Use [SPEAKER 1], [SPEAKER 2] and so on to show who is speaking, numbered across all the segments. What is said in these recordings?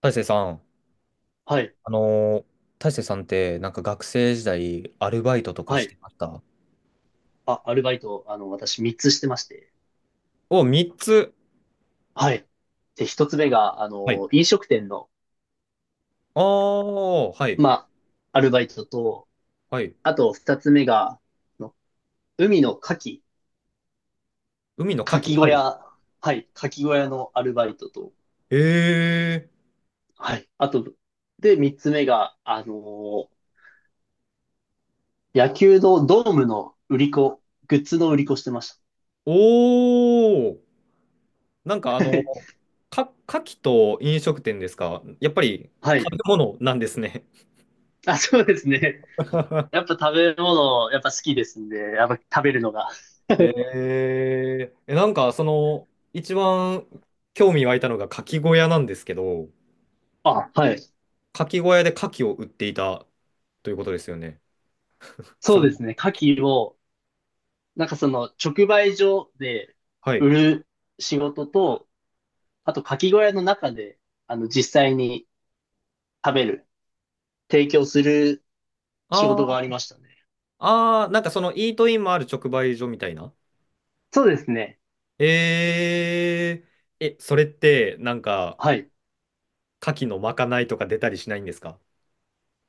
[SPEAKER 1] 大成さん、
[SPEAKER 2] はい。
[SPEAKER 1] あのー大成さんってなんか学生時代アルバイトとか
[SPEAKER 2] は
[SPEAKER 1] して
[SPEAKER 2] い。
[SPEAKER 1] ました？
[SPEAKER 2] あ、アルバイト、私3つしてまして。
[SPEAKER 1] お、3つ。
[SPEAKER 2] はい。で、1つ目が、
[SPEAKER 1] はい。
[SPEAKER 2] 飲食店の、
[SPEAKER 1] ああ、はい。
[SPEAKER 2] まアルバイトと、
[SPEAKER 1] はい。
[SPEAKER 2] あと2つ目が、の海の牡蠣、
[SPEAKER 1] 海の牡
[SPEAKER 2] 牡
[SPEAKER 1] 蠣。
[SPEAKER 2] 蠣小
[SPEAKER 1] はい。
[SPEAKER 2] 屋、はい、牡蠣小屋のアルバイトと、
[SPEAKER 1] ええ。
[SPEAKER 2] はい。あと、で、3つ目が、野球のドームの売り子、グッズの売り子してました。
[SPEAKER 1] おおー。なんか牡蠣と飲食店ですか？やっぱり
[SPEAKER 2] は
[SPEAKER 1] 食
[SPEAKER 2] い。
[SPEAKER 1] べ物なんですね。
[SPEAKER 2] あ、そうですね。やっ ぱ食べ物、やっぱ好きですんで、やっぱ食べるのが。
[SPEAKER 1] えええ、なんか一番興味湧いたのが牡蠣小屋なんですけど、
[SPEAKER 2] あ、はい。
[SPEAKER 1] 牡蠣小屋で牡蠣を売っていたということですよね。そ
[SPEAKER 2] そう
[SPEAKER 1] の
[SPEAKER 2] ですね。牡蠣を、なんかその直売所で
[SPEAKER 1] はい。
[SPEAKER 2] 売る仕事と、あと牡蠣小屋の中で、実際に食べる、提供する仕
[SPEAKER 1] あ
[SPEAKER 2] 事があり
[SPEAKER 1] ー
[SPEAKER 2] ましたね。
[SPEAKER 1] なんかそのイートインもある直売所みたいな。
[SPEAKER 2] そうですね。
[SPEAKER 1] えそれってなんか
[SPEAKER 2] はい。
[SPEAKER 1] 牡蠣のまかないとか出たりしないんですか？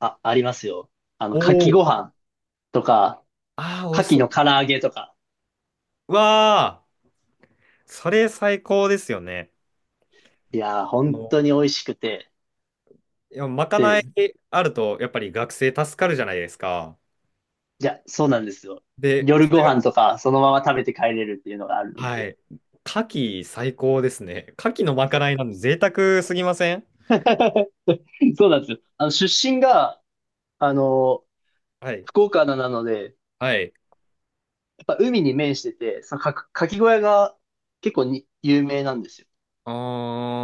[SPEAKER 2] あ、ありますよ。
[SPEAKER 1] お
[SPEAKER 2] 牡蠣
[SPEAKER 1] お
[SPEAKER 2] ご
[SPEAKER 1] ー。
[SPEAKER 2] 飯とか、
[SPEAKER 1] ああ、美
[SPEAKER 2] 牡
[SPEAKER 1] 味し
[SPEAKER 2] 蠣
[SPEAKER 1] そ
[SPEAKER 2] の
[SPEAKER 1] う。
[SPEAKER 2] 唐揚げとか。
[SPEAKER 1] うわあ、それ最高ですよね。
[SPEAKER 2] いやー、
[SPEAKER 1] あ
[SPEAKER 2] 本
[SPEAKER 1] の、
[SPEAKER 2] 当に美味しくて。
[SPEAKER 1] いや、まかない
[SPEAKER 2] で、
[SPEAKER 1] あるとやっぱり学生助かるじゃないですか。
[SPEAKER 2] じゃ、そうなんですよ。
[SPEAKER 1] で、
[SPEAKER 2] 夜
[SPEAKER 1] そ
[SPEAKER 2] ご
[SPEAKER 1] れが、
[SPEAKER 2] 飯とか、そのまま食べて帰れるっていうのがあるの
[SPEAKER 1] は
[SPEAKER 2] で。
[SPEAKER 1] い。牡蠣最高ですね。牡蠣のまかないなんで贅沢すぎません？
[SPEAKER 2] そうなんですよ。あの、出身が、あの、
[SPEAKER 1] はい。
[SPEAKER 2] 福岡なので、
[SPEAKER 1] はい。
[SPEAKER 2] やっぱ海に面してて、かき小屋が結構に有名なんですよ。
[SPEAKER 1] あ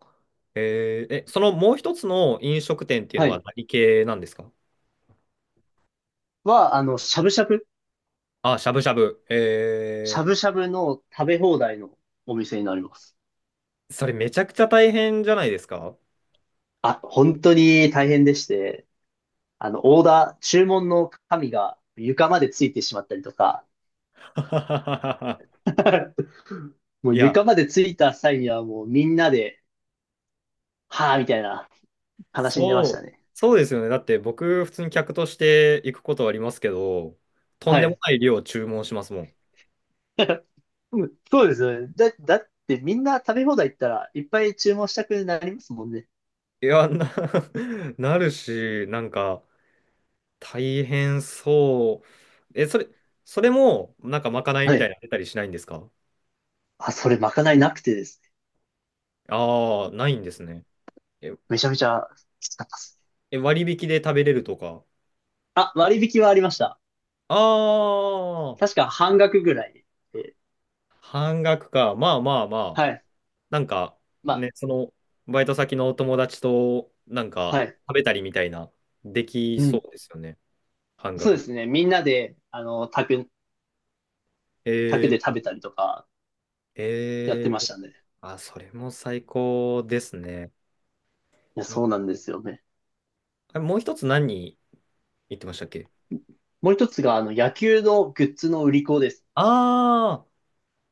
[SPEAKER 1] あ、そのもう一つの飲食店っていう
[SPEAKER 2] は
[SPEAKER 1] のは
[SPEAKER 2] い。
[SPEAKER 1] 何系なんですか？
[SPEAKER 2] は、あの、しゃぶしゃぶ、
[SPEAKER 1] あ、しゃぶしゃぶ。
[SPEAKER 2] しゃぶしゃぶの食べ放題のお店になります。
[SPEAKER 1] それめちゃくちゃ大変じゃないですか？
[SPEAKER 2] あ、本当に大変でして、あの、オーダー、注文の紙が床までついてしまったりとか、もう
[SPEAKER 1] いや、
[SPEAKER 2] 床までついた際にはもうみんなで、はぁ、みたいな、悲しんでまし
[SPEAKER 1] そ
[SPEAKER 2] た
[SPEAKER 1] う、
[SPEAKER 2] ね。
[SPEAKER 1] そうですよね。だって僕、普通に客として行くことはありますけど、とん
[SPEAKER 2] は
[SPEAKER 1] でも
[SPEAKER 2] い。
[SPEAKER 1] ない量を注文しますもん。
[SPEAKER 2] うんそうですよね。だってみんな食べ放題行ったらいっぱい注文したくなりますもんね。
[SPEAKER 1] いや、なるし、なんか、大変そう。え、それ、それも、なんかまかない
[SPEAKER 2] は
[SPEAKER 1] みたい
[SPEAKER 2] い。
[SPEAKER 1] になの出たりしないんですか？
[SPEAKER 2] あ、それまかないなくてですね。
[SPEAKER 1] ああ、ないんですね。え、
[SPEAKER 2] めちゃめちゃきつかったです。
[SPEAKER 1] え、割引で食べれるとか。
[SPEAKER 2] あ、割引はありました。
[SPEAKER 1] あ
[SPEAKER 2] 確
[SPEAKER 1] あ、
[SPEAKER 2] か半額ぐらいで。
[SPEAKER 1] 半額か。まあまあまあ。
[SPEAKER 2] はい。
[SPEAKER 1] なんか、
[SPEAKER 2] ま
[SPEAKER 1] ね、その、バイト先のお友達と、なん
[SPEAKER 2] あ、
[SPEAKER 1] か、
[SPEAKER 2] はい。
[SPEAKER 1] 食べたりみたいな、でき
[SPEAKER 2] う
[SPEAKER 1] そ
[SPEAKER 2] ん。
[SPEAKER 1] うですよね。半
[SPEAKER 2] そうで
[SPEAKER 1] 額。
[SPEAKER 2] すね。みんなで、宅で
[SPEAKER 1] え
[SPEAKER 2] 食べたりとか
[SPEAKER 1] ー、
[SPEAKER 2] やって
[SPEAKER 1] え
[SPEAKER 2] まし
[SPEAKER 1] ー、
[SPEAKER 2] たね。い
[SPEAKER 1] あ、それも最高ですね。
[SPEAKER 2] や、
[SPEAKER 1] い
[SPEAKER 2] そうなんですよね。
[SPEAKER 1] あもう一つ何言ってましたっけ？
[SPEAKER 2] もう一つが、野球のグッズの売り子です。
[SPEAKER 1] ああー、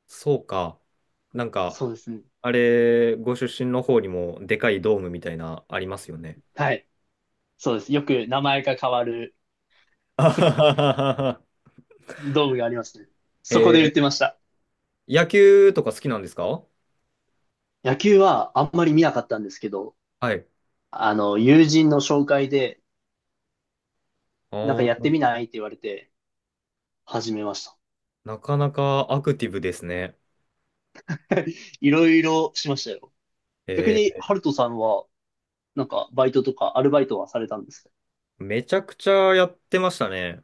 [SPEAKER 1] そうか。なんか、
[SPEAKER 2] そうですね。
[SPEAKER 1] あれ、ご出身の方にも、でかいドームみたいな、ありますよね。
[SPEAKER 2] はい。そうです。よく名前が変わる
[SPEAKER 1] あはははは。
[SPEAKER 2] ドームがありますね。そこで売って
[SPEAKER 1] え
[SPEAKER 2] ました。
[SPEAKER 1] 野球とか好きなんですか？
[SPEAKER 2] 野球はあんまり見なかったんですけど、
[SPEAKER 1] はい。
[SPEAKER 2] 友人の紹介で、
[SPEAKER 1] あ
[SPEAKER 2] なんかやって
[SPEAKER 1] ー
[SPEAKER 2] みないって言われて、始めました。
[SPEAKER 1] なかなかアクティブですね。
[SPEAKER 2] いろいろしましたよ。逆に、
[SPEAKER 1] え
[SPEAKER 2] ハルトさんは、なんか、バイトとか、アルバイトはされたんですか？
[SPEAKER 1] めちゃくちゃやってましたね。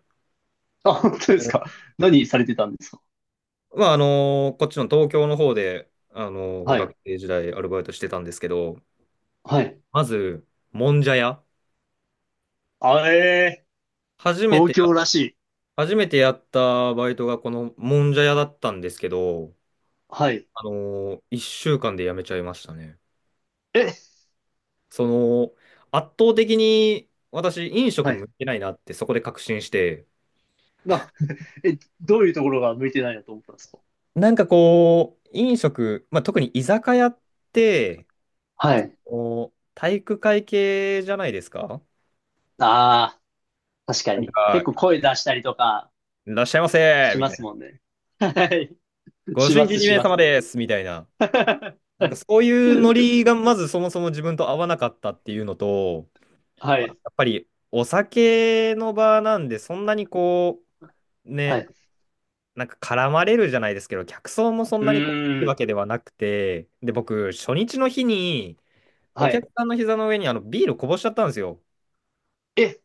[SPEAKER 2] あ、本当で
[SPEAKER 1] あ
[SPEAKER 2] す
[SPEAKER 1] の
[SPEAKER 2] か？何されてたんですか？
[SPEAKER 1] まあ、こっちの東京の方で、
[SPEAKER 2] は
[SPEAKER 1] 学
[SPEAKER 2] い。
[SPEAKER 1] 生時代アルバイトしてたんですけど、
[SPEAKER 2] はい。
[SPEAKER 1] まず、もんじゃ屋。
[SPEAKER 2] あえ
[SPEAKER 1] 初
[SPEAKER 2] ー、
[SPEAKER 1] めて
[SPEAKER 2] 東
[SPEAKER 1] や、
[SPEAKER 2] 京らしい。
[SPEAKER 1] 初めてやったバイトがこのもんじゃ屋だったんですけど、
[SPEAKER 2] はい。
[SPEAKER 1] あの一1週間で辞めちゃいましたね。
[SPEAKER 2] え、
[SPEAKER 1] その、圧倒的に私、飲食
[SPEAKER 2] はい。
[SPEAKER 1] 向いてないなってそこで確信して、
[SPEAKER 2] な、え、どういうところが向いてないなと思ったんですか？
[SPEAKER 1] なんかこう、飲食、まあ、特に居酒屋って、
[SPEAKER 2] はい。
[SPEAKER 1] こう体育会系じゃないですか？
[SPEAKER 2] ああ、確か
[SPEAKER 1] なん
[SPEAKER 2] に。結
[SPEAKER 1] か、
[SPEAKER 2] 構声出したりとか
[SPEAKER 1] いらっしゃいませ
[SPEAKER 2] し
[SPEAKER 1] み
[SPEAKER 2] ま
[SPEAKER 1] たい
[SPEAKER 2] す
[SPEAKER 1] な。
[SPEAKER 2] もんね。はい。
[SPEAKER 1] ご
[SPEAKER 2] し
[SPEAKER 1] 新
[SPEAKER 2] ま
[SPEAKER 1] 規
[SPEAKER 2] す、
[SPEAKER 1] に
[SPEAKER 2] し
[SPEAKER 1] 名
[SPEAKER 2] ま
[SPEAKER 1] 様
[SPEAKER 2] す。
[SPEAKER 1] ですみたいな。
[SPEAKER 2] は
[SPEAKER 1] なんか
[SPEAKER 2] い。
[SPEAKER 1] そういうノリがまずそもそも自分と合わなかったっていうのと、
[SPEAKER 2] は
[SPEAKER 1] あと
[SPEAKER 2] い。
[SPEAKER 1] やっぱりお酒の場なんで、そんなにこう、ね、なんか絡まれるじゃないですけど、客層もそん
[SPEAKER 2] う
[SPEAKER 1] なにこういい
[SPEAKER 2] ー
[SPEAKER 1] わ
[SPEAKER 2] ん。
[SPEAKER 1] けではなくて、で、僕、初日の日に、お
[SPEAKER 2] は
[SPEAKER 1] 客
[SPEAKER 2] い。
[SPEAKER 1] さんの膝の上にビールこぼしちゃったんですよ。
[SPEAKER 2] え、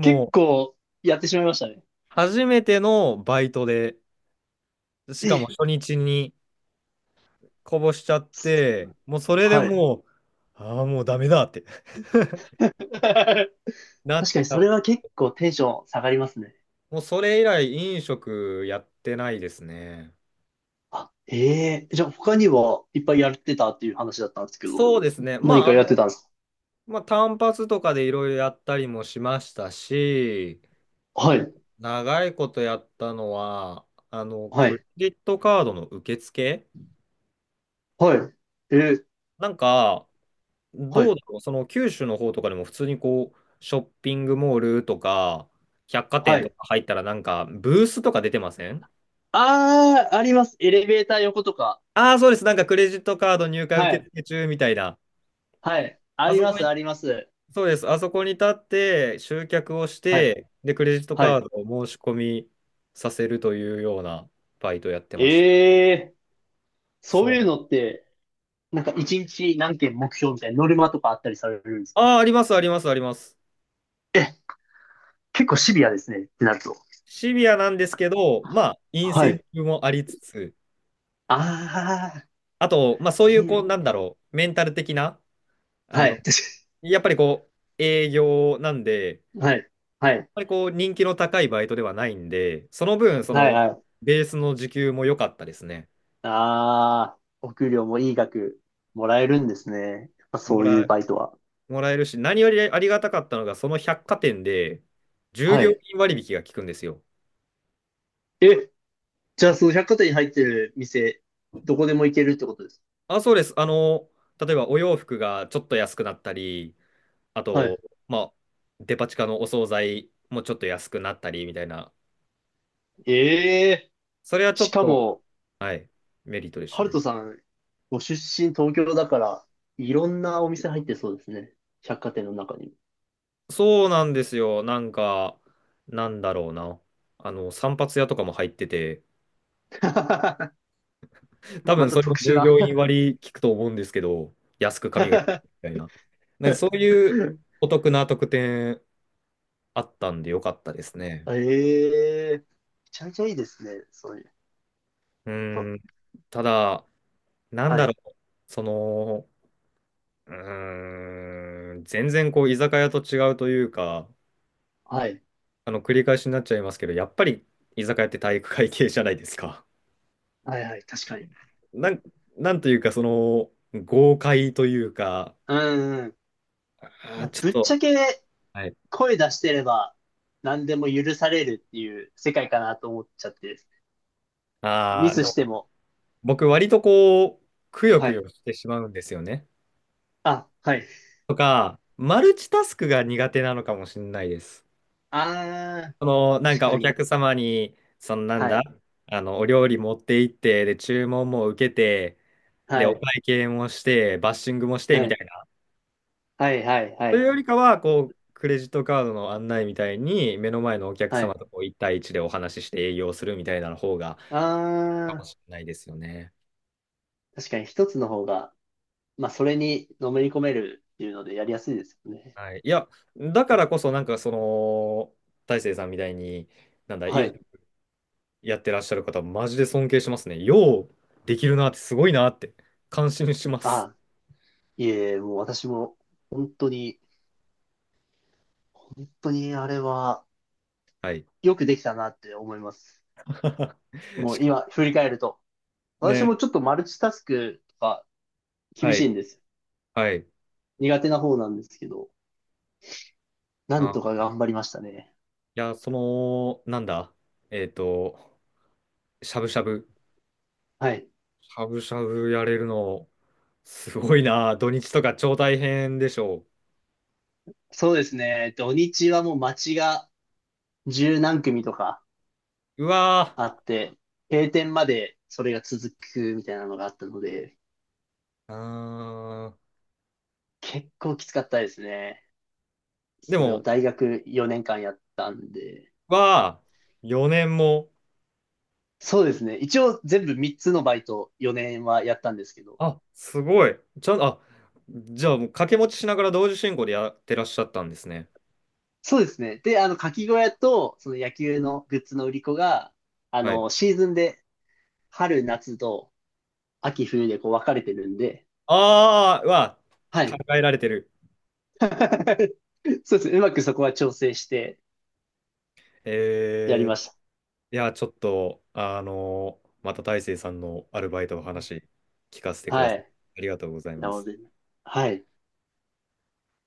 [SPEAKER 2] 結
[SPEAKER 1] う、
[SPEAKER 2] 構やってしまいましたね。
[SPEAKER 1] 初めてのバイトで、し
[SPEAKER 2] え、
[SPEAKER 1] かも初日にこぼしちゃっ
[SPEAKER 2] す、
[SPEAKER 1] て、もうそれで
[SPEAKER 2] はい。
[SPEAKER 1] もう、ああ、もうダメだって
[SPEAKER 2] 確か
[SPEAKER 1] なっ
[SPEAKER 2] にそ
[SPEAKER 1] た。
[SPEAKER 2] れは結構テンション下がりますね。
[SPEAKER 1] もうそれ以来、飲食やってないですね。
[SPEAKER 2] あ、ええ、じゃあ他にはいっぱいやってたっていう話だったんですけど、
[SPEAKER 1] そうですね。ま
[SPEAKER 2] 何か
[SPEAKER 1] あ、
[SPEAKER 2] やってたんです
[SPEAKER 1] まあ、単発とかでいろいろやったりもしましたし、
[SPEAKER 2] か？はい、
[SPEAKER 1] 長いことやったのは、
[SPEAKER 2] は
[SPEAKER 1] クレ
[SPEAKER 2] い、
[SPEAKER 1] ジットカードの受付。
[SPEAKER 2] はい。えー、
[SPEAKER 1] なんか、
[SPEAKER 2] は
[SPEAKER 1] どう
[SPEAKER 2] い、
[SPEAKER 1] だろう、その九州の方とかでも普通にこう、ショッピングモールとか、百貨
[SPEAKER 2] は
[SPEAKER 1] 店と
[SPEAKER 2] い。
[SPEAKER 1] か入ったらなんか、ブースとか出てません？
[SPEAKER 2] ああ、あります。エレベーター横とか。
[SPEAKER 1] ああー、そうです。なんかクレジットカード入会
[SPEAKER 2] は
[SPEAKER 1] 受
[SPEAKER 2] い、
[SPEAKER 1] 付中みたいな。
[SPEAKER 2] はい。あ
[SPEAKER 1] あ
[SPEAKER 2] り
[SPEAKER 1] そ
[SPEAKER 2] ま
[SPEAKER 1] こ
[SPEAKER 2] す、
[SPEAKER 1] に、
[SPEAKER 2] あります。
[SPEAKER 1] そうです。あそこに立って集客をし
[SPEAKER 2] はい、
[SPEAKER 1] て、で、クレジット
[SPEAKER 2] は
[SPEAKER 1] カー
[SPEAKER 2] い。
[SPEAKER 1] ドを申し込みさせるというようなバイトやってました。
[SPEAKER 2] ええ、そう
[SPEAKER 1] そう
[SPEAKER 2] いう
[SPEAKER 1] なん。
[SPEAKER 2] のって、なんか一日何件目標みたいなノルマとかあったりされるんですか？
[SPEAKER 1] ああ、あります、あります、あります。
[SPEAKER 2] 結構シビアですね、ってなると。
[SPEAKER 1] シビアなんですけど、まあ、イン
[SPEAKER 2] は
[SPEAKER 1] セン
[SPEAKER 2] い。
[SPEAKER 1] ティブもありつつ、
[SPEAKER 2] ああ、
[SPEAKER 1] あと、まあ、そうい
[SPEAKER 2] い
[SPEAKER 1] う、こ
[SPEAKER 2] い、
[SPEAKER 1] う、なんだろう、メンタル的な、あ
[SPEAKER 2] は
[SPEAKER 1] の、
[SPEAKER 2] い。確か
[SPEAKER 1] やっぱりこう、営業なんで、やっ
[SPEAKER 2] に、はい。はい。
[SPEAKER 1] ぱりこう、人気の高いバイトではないんで、その分、
[SPEAKER 2] はい。はい。
[SPEAKER 1] ベースの時給も良かったですね。
[SPEAKER 2] ああ、お給料もいい額もらえるんですね。やっぱそ
[SPEAKER 1] も
[SPEAKER 2] ういう
[SPEAKER 1] ら、
[SPEAKER 2] バイトは。
[SPEAKER 1] もらえるし、何よりありがたかったのが、その百貨店で、従
[SPEAKER 2] は
[SPEAKER 1] 業員
[SPEAKER 2] い。
[SPEAKER 1] 割引が効くんですよ。
[SPEAKER 2] え、じゃあその百貨店に入ってる店、どこでも行けるってことです。
[SPEAKER 1] あ、そうです。例えばお洋服がちょっと安くなったり、あ
[SPEAKER 2] は
[SPEAKER 1] と、
[SPEAKER 2] い。
[SPEAKER 1] まあ、デパ地下のお惣菜もちょっと安くなったりみたいな。
[SPEAKER 2] ええ、
[SPEAKER 1] それはちょ
[SPEAKER 2] し
[SPEAKER 1] っ
[SPEAKER 2] か
[SPEAKER 1] と、
[SPEAKER 2] も、
[SPEAKER 1] はい、メリットでした
[SPEAKER 2] ハル
[SPEAKER 1] ね。
[SPEAKER 2] トさん、ご出身東京だから、いろんなお店入ってそうですね。百貨店の中に。
[SPEAKER 1] そうなんですよ。なんか、なんだろうな。散髪屋とかも入ってて、多
[SPEAKER 2] ま
[SPEAKER 1] 分
[SPEAKER 2] た
[SPEAKER 1] それも
[SPEAKER 2] 特殊
[SPEAKER 1] 従
[SPEAKER 2] な
[SPEAKER 1] 業員割聞くと思うんですけど、安く髪が切れるみたいな。なんかそう いうお得な特典あったんでよかったですね。
[SPEAKER 2] ええ、めちゃめちゃいいですね。そういう。や
[SPEAKER 1] う
[SPEAKER 2] っぱ、
[SPEAKER 1] ーん。ただ、なん
[SPEAKER 2] は
[SPEAKER 1] だろ
[SPEAKER 2] い。
[SPEAKER 1] う。その、全然こう居酒屋と違うというか、
[SPEAKER 2] はい。
[SPEAKER 1] 繰り返しになっちゃいますけど、やっぱり居酒屋って体育会系じゃないですか。
[SPEAKER 2] はいはい。確かに。
[SPEAKER 1] なん、なんというか、その豪快というか、
[SPEAKER 2] うんうん。まあ、
[SPEAKER 1] ちょっ
[SPEAKER 2] ぶっち
[SPEAKER 1] と、
[SPEAKER 2] ゃけ
[SPEAKER 1] はい。
[SPEAKER 2] 声出してれば何でも許されるっていう世界かなと思っちゃってです。ミス
[SPEAKER 1] で
[SPEAKER 2] して
[SPEAKER 1] も
[SPEAKER 2] も。
[SPEAKER 1] 僕、割とこう、くよ
[SPEAKER 2] は
[SPEAKER 1] く
[SPEAKER 2] い。
[SPEAKER 1] よしてしまうんですよね。
[SPEAKER 2] あ、はい。
[SPEAKER 1] とか、マルチタスクが苦手なのかもしれないです。
[SPEAKER 2] あ
[SPEAKER 1] その、
[SPEAKER 2] ー、
[SPEAKER 1] なん
[SPEAKER 2] 確
[SPEAKER 1] か
[SPEAKER 2] か
[SPEAKER 1] お
[SPEAKER 2] に。
[SPEAKER 1] 客様に、そのなん
[SPEAKER 2] は
[SPEAKER 1] だ、
[SPEAKER 2] い。
[SPEAKER 1] お料理持って行って、で、注文も受けて、で、
[SPEAKER 2] は
[SPEAKER 1] お
[SPEAKER 2] い。
[SPEAKER 1] 会計もして、バッシングもして
[SPEAKER 2] は
[SPEAKER 1] みた
[SPEAKER 2] い。
[SPEAKER 1] いな。
[SPEAKER 2] はい。はい。は
[SPEAKER 1] という
[SPEAKER 2] い。
[SPEAKER 1] よりかは、こう、クレジットカードの案内みたいに、目の前のお客
[SPEAKER 2] は
[SPEAKER 1] 様
[SPEAKER 2] い。
[SPEAKER 1] とこう1対一でお話しして営業するみたいな方が、
[SPEAKER 2] あ
[SPEAKER 1] かも
[SPEAKER 2] ー、
[SPEAKER 1] しれないですよね。
[SPEAKER 2] 確かに一つの方が、まあ、それにのめり込めるっていうのでやりやすいですよね。
[SPEAKER 1] はい。いや、だからこそ、なんかその、大成さんみたいに、なんだ、
[SPEAKER 2] は
[SPEAKER 1] 飲
[SPEAKER 2] い。
[SPEAKER 1] 食やってらっしゃる方、マジで尊敬しますね。できるなって、すごいなって、感心します。
[SPEAKER 2] あ、いえ、もう私も本当に、本当にあれは
[SPEAKER 1] はい。
[SPEAKER 2] よくできたなって思います。も
[SPEAKER 1] し
[SPEAKER 2] う
[SPEAKER 1] か
[SPEAKER 2] 今振り返ると。
[SPEAKER 1] も
[SPEAKER 2] 私も
[SPEAKER 1] ね、
[SPEAKER 2] ちょっとマルチタスクとか厳
[SPEAKER 1] は
[SPEAKER 2] しいん
[SPEAKER 1] い、
[SPEAKER 2] ですよ。
[SPEAKER 1] はい。
[SPEAKER 2] 苦手な方なんですけど、なん
[SPEAKER 1] あ、
[SPEAKER 2] とか頑張りましたね。
[SPEAKER 1] いや、その、なんだ、えっと、しゃぶしゃぶ。
[SPEAKER 2] はい。
[SPEAKER 1] しゃぶしゃぶやれるの、すごいな。土日とか超大変でしょ
[SPEAKER 2] そうですね。土日はもう街が十何組とか
[SPEAKER 1] う。うわ
[SPEAKER 2] あって、閉店までそれが続くみたいなのがあったので、
[SPEAKER 1] ー。
[SPEAKER 2] 結構きつかったですね。
[SPEAKER 1] で
[SPEAKER 2] それを
[SPEAKER 1] も、
[SPEAKER 2] 大学4年間やったんで、
[SPEAKER 1] わー、4年も。
[SPEAKER 2] そうですね。一応全部3つのバイト4年はやったんですけど。
[SPEAKER 1] あ、すごい。ちゃん、あ、じゃあもう掛け持ちしながら同時進行でやってらっしゃったんですね。
[SPEAKER 2] そうですね。で、かき小屋と、その野球のグッズの売り子が、
[SPEAKER 1] はい。
[SPEAKER 2] シーズンで春、夏と秋、冬でこう分かれてるんで、
[SPEAKER 1] あー、わ
[SPEAKER 2] は
[SPEAKER 1] ー、考
[SPEAKER 2] い。
[SPEAKER 1] えられてる。
[SPEAKER 2] そうですね。うまくそこは調整してやり
[SPEAKER 1] えー、
[SPEAKER 2] まし
[SPEAKER 1] いや、ちょっと、また大成さんのアルバイトの話聞かせて
[SPEAKER 2] た。
[SPEAKER 1] くだ
[SPEAKER 2] は
[SPEAKER 1] さい。
[SPEAKER 2] い。
[SPEAKER 1] ありがとうござい
[SPEAKER 2] いや、
[SPEAKER 1] ま
[SPEAKER 2] もう
[SPEAKER 1] す。
[SPEAKER 2] 全然。はい。